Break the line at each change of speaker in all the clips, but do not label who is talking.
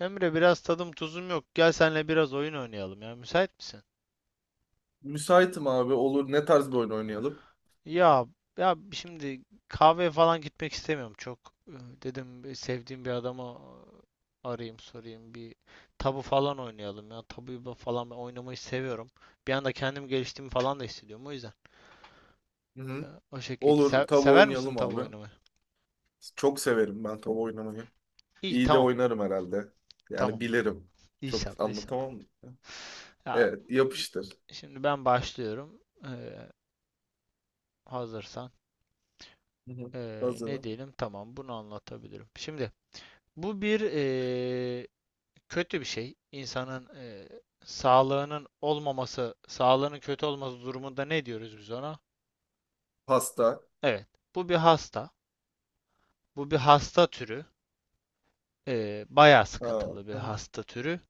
Emre biraz tadım tuzum yok. Gel senle biraz oyun oynayalım ya. Müsait misin?
Müsaitim abi olur. Ne tarz bir oyun oynayalım?
Ya ya şimdi kahveye falan gitmek istemiyorum çok. Ee, Dedim sevdiğim bir adama arayayım sorayım bir tabu falan oynayalım ya. Tabuyu falan ben oynamayı seviyorum. Bir anda kendim geliştiğimi falan da hissediyorum o yüzden.
Hı
e,
hı.
O şekilde. Se-
Olur. Tabu
sever misin
oynayalım
tabu
abi.
oynamayı?
Çok severim ben tabu oynamayı.
İyi,
İyi de
tamam
oynarım herhalde.
tamam.
Yani bilirim. Çok
İnşallah inşallah.
anlatamam.
Ya
Evet yapıştır.
şimdi ben başlıyorum. Ee, Hazırsan.
Hı hı.
Ne
Hazırım.
diyelim? Tamam, bunu anlatabilirim. Şimdi bu bir kötü bir şey. İnsanın sağlığının olmaması, sağlığının kötü olması durumunda ne diyoruz biz ona?
Pasta.
Evet, bu bir hasta. Bu bir hasta türü. Bayağı
Ha.
sıkıntılı bir
Hı hı.
hasta türü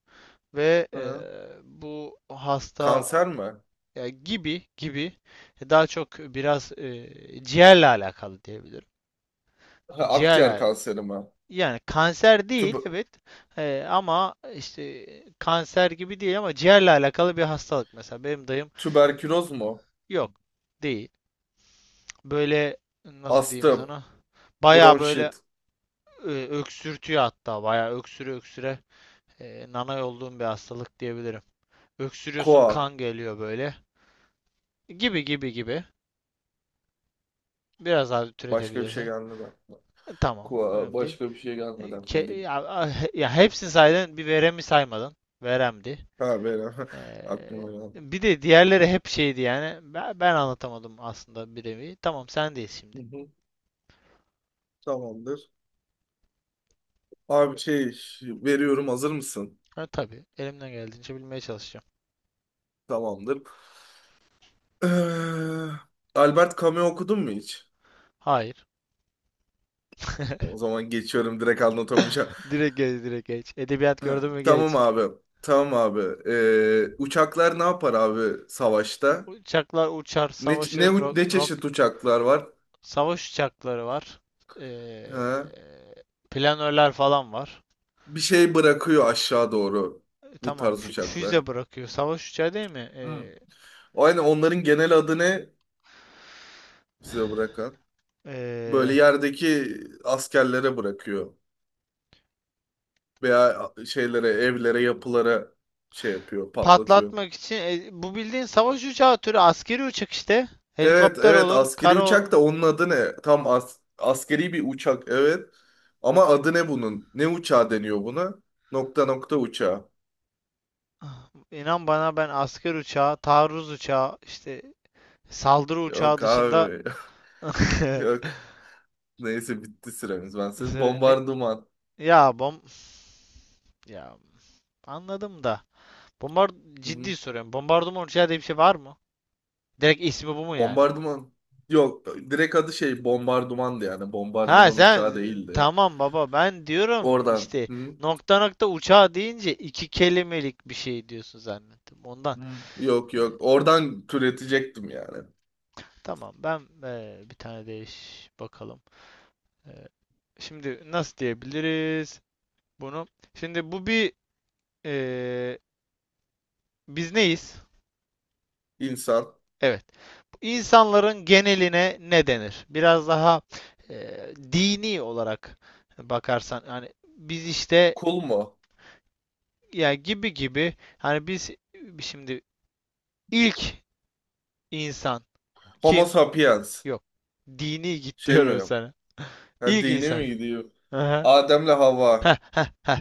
ve
Hı.
bu hasta.
Kanser mi?
Ya, gibi gibi, daha çok biraz ciğerle alakalı diyebilirim.
Ha, akciğer
Ciğerle.
kanseri mi?
Yani kanser değil,
Tüb-
evet. Ama işte kanser gibi değil, ama ciğerle alakalı bir hastalık, mesela benim dayım.
tüberküloz mu?
Yok, değil. Böyle, nasıl diyeyim
Astım.
sana, baya böyle
Bronşit.
öksürtüyor. Hatta baya öksüre öksüre nanay olduğum bir hastalık diyebilirim. Öksürüyorsun,
Koa.
kan geliyor böyle, gibi gibi, biraz daha
Başka bir şey
türetebilirsin.
gelmedi aklıma.
Tamam,
Koa.
önemli değil.
Başka bir şey gelmedi aklıma.
Ya, ya hepsini saydın, bir veremi saymadın, veremdi.
Ha benim.
Ee,
Aklıma geldi.
Bir de diğerleri hep şeydi yani. Ben anlatamadım aslında, bir nevi. Tamam, sendeyiz şimdi.
Hı hı. Tamamdır. Abi şey veriyorum hazır mısın?
Ha, tabii. Elimden geldiğince bilmeye çalışacağım.
Tamamdır. Ee, Albert Camus'u okudun mu hiç?
Hayır.
O zaman geçiyorum direkt anlatamayacağım.
Direkt geç, direkt geç. Edebiyat
Ha,
gördün mü
tamam
geç.
abi. Tamam abi. Uçaklar ne yapar abi savaşta?
Uçaklar uçar,
Ne ç- ne
savaşır,
u- Ne çeşit uçaklar var?
savaş uçakları var. Ee,
Ha?
Planörler falan var.
Bir şey bırakıyor aşağı doğru bu
Tamam,
tarz
fü-
uçaklar.
füze bırakıyor. Savaş uçağı değil mi?
Hmm. O yani onların genel adı ne size bırakan?
Ee,
Böyle yerdeki askerlere bırakıyor veya şeylere, evlere, yapılara şey yapıyor, patlatıyor.
Patlatmak için bu, bildiğin savaş uçağı türü askeri uçak işte.
Evet
Helikopter
evet,
olur,
askeri uçak da onun adı ne? Tam askeri bir uçak evet. Ama adı ne bunun? Ne uçağı deniyor buna? Nokta nokta uçağı.
inan bana, ben asker uçağı, taarruz uçağı, işte saldırı uçağı
Yok
dışında...
abi. Yok. Neyse bitti süremiz. Ben senin
Ne,
bombardıman.
ya, ya anladım da. Bombard
Hı hı.
Ciddi soruyorum. Bombardıman uçağı diye bir şey var mı? Direkt ismi bu mu yani?
Bombardıman. Yok, direkt adı şey bombardımandı yani.
Ha
Bombardıman
sen,
uçağı değildi.
tamam baba, ben diyorum
Oradan.
işte,
Hı.
nokta nokta uçağı deyince iki kelimelik bir şey diyorsun zannettim ondan.
Hı. Yok
Ee,
yok. Oradan türetecektim yani.
Tamam, ben bir tane değiş bakalım. Eee, Şimdi nasıl diyebiliriz bunu? Şimdi bu bir, eee, biz neyiz?
İnsan.
Evet. İnsanların geneline ne denir? Biraz daha dini olarak bakarsan hani biz işte,
Kul mu?
ya, gibi gibi, hani biz, şimdi ilk insan
Homo
kim?
sapiens.
Yok. Dini git
Şey
diyorum
mi?
sana.
Ha,
İlk
dine
insan.
mi gidiyor?
Aha.
Adem'le Havva.
Heh, heh, heh.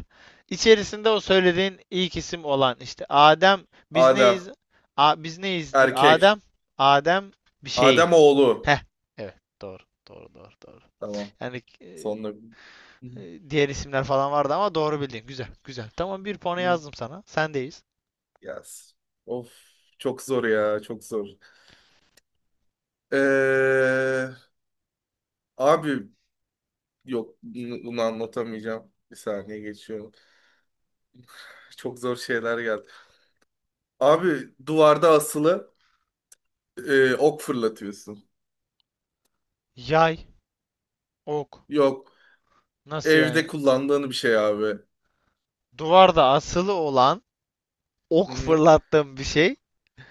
İçerisinde o söylediğin ilk isim olan işte Adem, biz
Adem.
neyiz? A, biz neyizdir?
Erkek.
Adem bir şeyi.
Adem oğlu.
Heh. Evet, doğru, doğru, doğru, doğru.
Tamam.
Yani
Sonunda. Hı
diğer isimler falan vardı, ama doğru bildin. Güzel, güzel. Tamam, bir puanı
hı.
yazdım sana. Sendeyiz.
Yes. Of. Çok zor ya. Çok zor. Ee, abi yok. Bunu anlatamayacağım. Bir saniye geçiyorum. Çok zor şeyler geldi. Abi, duvarda asılı ok fırlatıyorsun.
Yay, ok.
Yok.
Nasıl
Evde
yani?
kullandığın bir şey abi.
Duvarda asılı olan,
Hı
ok
hı.
fırlattığım bir şey.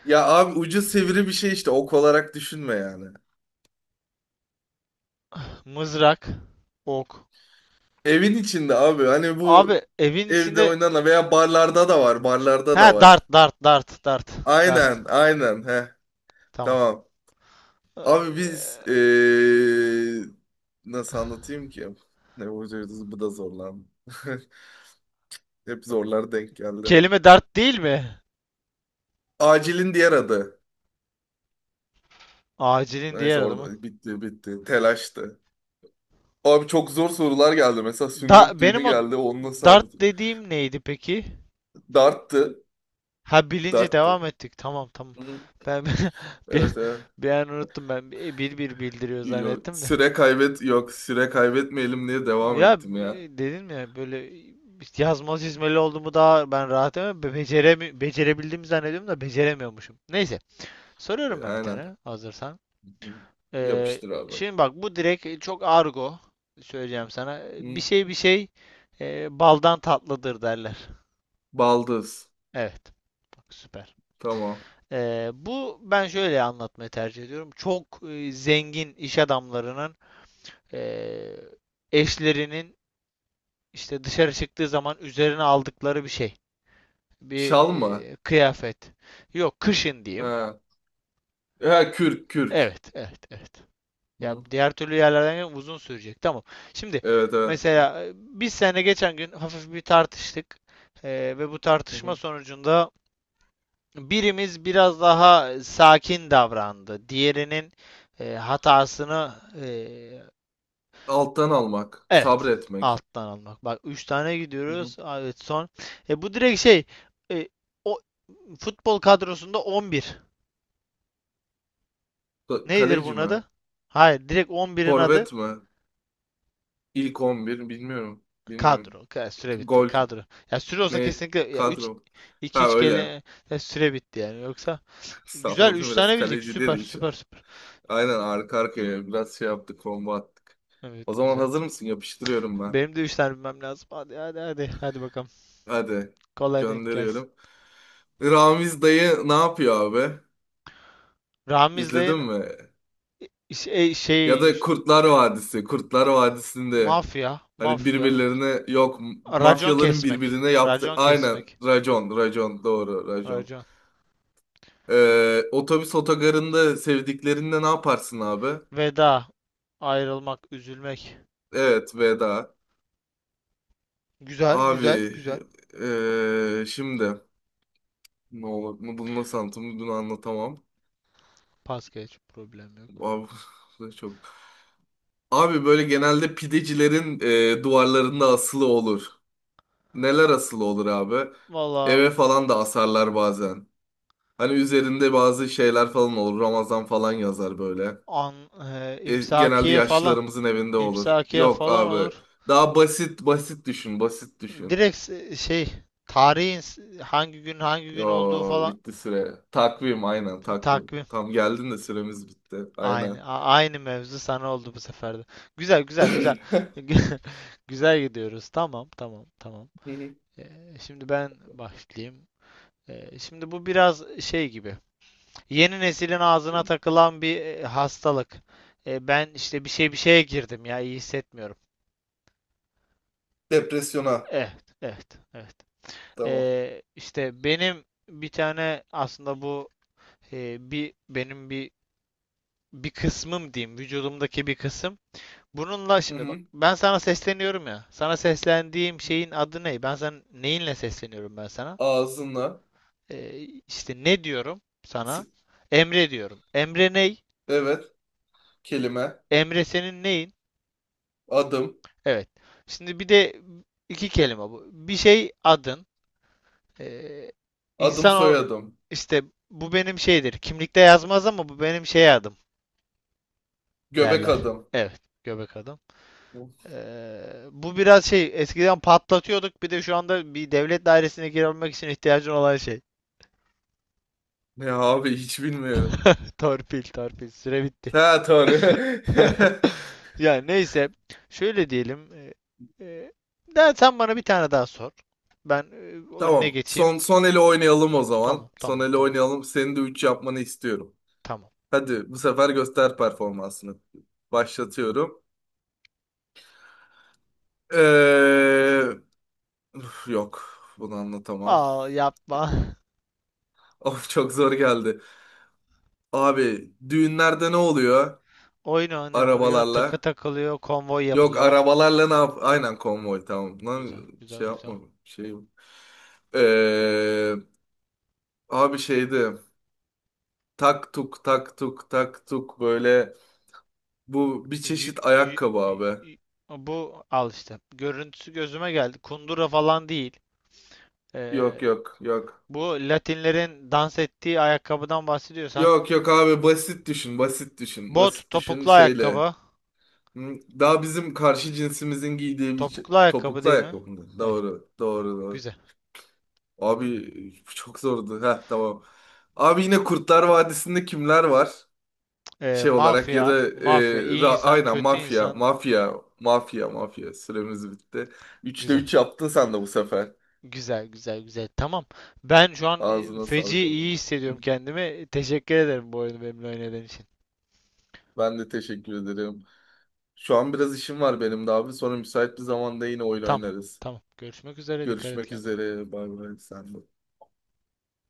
Ya abi, ucu sivri bir şey işte. Ok olarak düşünme yani.
Mızrak, ok.
Evin içinde abi. Hani bu
Abi evin
evde
içinde?
oynanan veya barlarda da var. Barlarda
Ha,
da
dart,
var.
dart, dart, dart, dart.
Aynen, aynen. He,
Tamam.
tamam. Abi biz
Ee,
nasıl anlatayım ki? Ne vuracağız, bu da zorlandı. Hep zorlar denk geldi.
Kelime dart değil mi?
Acilin diğer adı.
Acilin diğer
Neyse
adı mı?
orada bitti bitti. Telaştı. Abi çok zor sorular geldi. Mesela sünnet
Da
düğünü
benim o
geldi. Onu nasıl
dart
anlatayım?
dediğim neydi peki?
Darttı.
Ha, bilince
Darttı.
devam ettik. Tamam tamam.
Hı hı.
Ben, bir,
Evet evet.
bir an unuttum ben. Bir bir bildiriyor
Yok,
zannettim de.
süre kaybet, yok süre kaybetmeyelim diye devam
Ya
ettim
e,
ya.
dedin mi böyle yazmalı çizmeli olduğumu daha ben rahat, ama becerebildiğimi zannediyorum da beceremiyormuşum. Neyse. Soruyorum ben bir
Aynen.
tane, hazırsan.
Hı.
Ee,
Yapıştır abi.
Şimdi bak, bu direkt çok argo söyleyeceğim sana. Bir
Hı.
şey bir şey baldan tatlıdır derler.
Baldız.
Evet. Bak süper.
Tamam.
Bu, ben şöyle anlatmayı tercih ediyorum. Çok zengin iş adamlarının e, eşlerinin işte dışarı çıktığı zaman üzerine aldıkları bir şey. Bir
Şal mı?
kıyafet. Yok, kışın diyeyim.
Ha. Ha, kürk kürk.
Evet, evet, evet. Ya
Hı.
diğer türlü yerlerden uzun sürecek. Tamam. Şimdi
Evet evet.
mesela biz seninle geçen gün hafif bir tartıştık. Ve bu
Hı
tartışma
hı.
sonucunda birimiz biraz daha sakin davrandı. Diğerinin hatasını, e,
Alttan almak.
evet,
Sabretmek.
alttan almak. Bak 3 tane
Hı hı.
gidiyoruz. Evet, son. Bu direkt şey, e, o futbol kadrosunda 11. Nedir
Kaleci
bunun
mi?
adı? Hayır, direkt 11'in adı.
Forvet mi? İlk 11 bilmiyorum. Bilmiyorum.
Kadro. Süre bitti.
Gol
Kadro. Ya süre olsa
ne?
kesinlikle, ya 3
Kadro.
2
Ha
3
öyle.
kere, ya süre bitti yani. Yoksa güzel
Salladım
3
biraz,
tane bildik.
kaleci
Süper
dedi hiç.
süper süper.
Aynen, arka arkaya biraz şey yaptık, combo attık. O
Evet,
zaman
güzel.
hazır mısın? Yapıştırıyorum ben.
Benim de 3 tane bilmem lazım. Hadi hadi hadi. Hadi bakalım.
Hadi
Kolay denk gelsin.
gönderiyorum. Ramiz dayı ne yapıyor abi?
Ramiz
İzledin
dayın
mi?
iş- e,
Ya
şey,
da
iş-
Kurtlar Vadisi. Kurtlar Vadisi'nde
mafya
hani
mafya
birbirlerine, yok,
racon
mafyaların
kesmek.
birbirine yaptı.
Racon
Aynen,
kesmek.
racon racon, doğru, racon.
Racon.
Otobüs otogarında sevdiklerinde ne yaparsın abi?
Veda. Ayrılmak, üzülmek.
Evet, veda.
Güzel, güzel,
Abi
güzel.
şimdi. Ne olur mu, bunu nasıl anlatayım, bunu anlatamam.
Pas geç, problem yok.
Abi, bu da çok. Abi böyle, genelde pidecilerin duvarlarında asılı olur. Neler asılı olur abi?
Valla,
Eve falan da asarlar bazen. Hani üzerinde bazı şeyler falan olur. Ramazan falan yazar böyle. Genelde
İmsakiye falan.
yaşlılarımızın evinde olur.
İmsakiye
Yok
falan
abi.
olur.
Daha basit basit düşün, basit düşün.
Direkt şey, tarihin hangi gün hangi gün olduğu
Yo,
falan.
bitti süre. Takvim, aynen takvim.
Takvim.
Tam geldin de süremiz bitti. Aynen.
Aynı mevzu sana oldu bu sefer de. Güzel güzel güzel. Güzel gidiyoruz. Tamam tamam tamam. E, Şimdi ben başlayayım. Şimdi bu biraz şey gibi. Yeni neslin ağzına takılan bir hastalık. Ben işte bir şeye girdim ya, iyi hissetmiyorum.
Depresyona.
Evet evet evet.
Tamam.
İşte benim bir tane, aslında bu bir benim bir kısmım diyeyim, vücudumdaki bir kısım. Bununla
Hı
şimdi bak,
hı.
ben sana sesleniyorum ya. Sana seslendiğim şeyin adı ne? Ben sana neyinle sesleniyorum, ben sana?
Ağzına.
Ee, işte ne diyorum sana?
s-
Emre diyorum. Emre ney?
Evet. Kelime.
Emre senin neyin?
Adım.
Evet. Şimdi bir de iki kelime bu. Bir şey adın. Ee,
Adım
insan o
soyadım.
işte, bu benim şeydir. Kimlikte yazmaz, ama bu benim şey adım,
Göbek
derler.
adım.
Evet, göbek adam. Bu biraz şey, eskiden patlatıyorduk, bir de şu anda bir devlet dairesine girebilmek için ihtiyacın olan şey.
Ne abi, hiç bilmiyorum.
Torpil, torpil. Süre bitti.
Ha doğru.
Yani neyse, şöyle diyelim. E, Sen bana bir tane daha sor. Ben önüne
Tamam.
geçeyim.
Son son eli oynayalım o
Tamam,
zaman. Son
tamam,
eli
tamam.
oynayalım. Senin de 3 yapmanı istiyorum.
Tamam.
Hadi bu sefer göster performansını. Başlatıyorum. Ee, üf, yok. Bunu anlatamam.
Al yapma.
Of, çok zor geldi. Abi, düğünlerde ne oluyor?
Oyun oynanıyor, takı
Arabalarla.
takılıyor, konvoy
Yok,
yapılıyor.
arabalarla ne yap? Aynen, konvoy, tamam.
Güzel,
Lan,
güzel,
şey
güzel.
yapma. Şey. Ee, abi şeydi. Tak tuk tak tuk tak tuk böyle. Bu bir
Yü-
çeşit
yü-
ayakkabı
yü-
abi.
yü- Bu al işte. Görüntüsü gözüme geldi. Kundura falan değil.
Yok
Ee,
yok yok.
Bu Latinlerin dans ettiği ayakkabıdan bahsediyorsan.
Yok yok abi, basit düşün, basit düşün.
Bot,
Basit düşün,
topuklu
şeyle.
ayakkabı.
Hı, daha bizim karşı cinsimizin giydiği bir
Topuklu ayakkabı
topuklu
değil mi?
ayakkabı.
Evet.
Doğru doğru doğru.
Güzel.
Abi çok zordu. Heh, tamam. Abi, yine Kurtlar Vadisi'nde kimler var? Şey olarak, ya
Mafya.
da
Mafya. İyi insan,
aynen,
kötü
mafya
insan.
mafya mafya mafya, süremiz bitti. Üçte
Güzel.
3 yaptın sen de bu sefer.
Güzel, güzel, güzel. Tamam. Ben şu an
Ağzına
feci
sağlık
iyi
ablam. Hı.
hissediyorum kendimi. Teşekkür ederim bu oyunu benimle oynadığın için.
Ben de teşekkür ederim. Şu an biraz işim var benim de abi. Sonra müsait bir zamanda yine oyun
Tamam.
oynarız.
Tamam. Görüşmek üzere. Dikkat et
Görüşmek
kendine.
üzere. Bay bay. Sen de.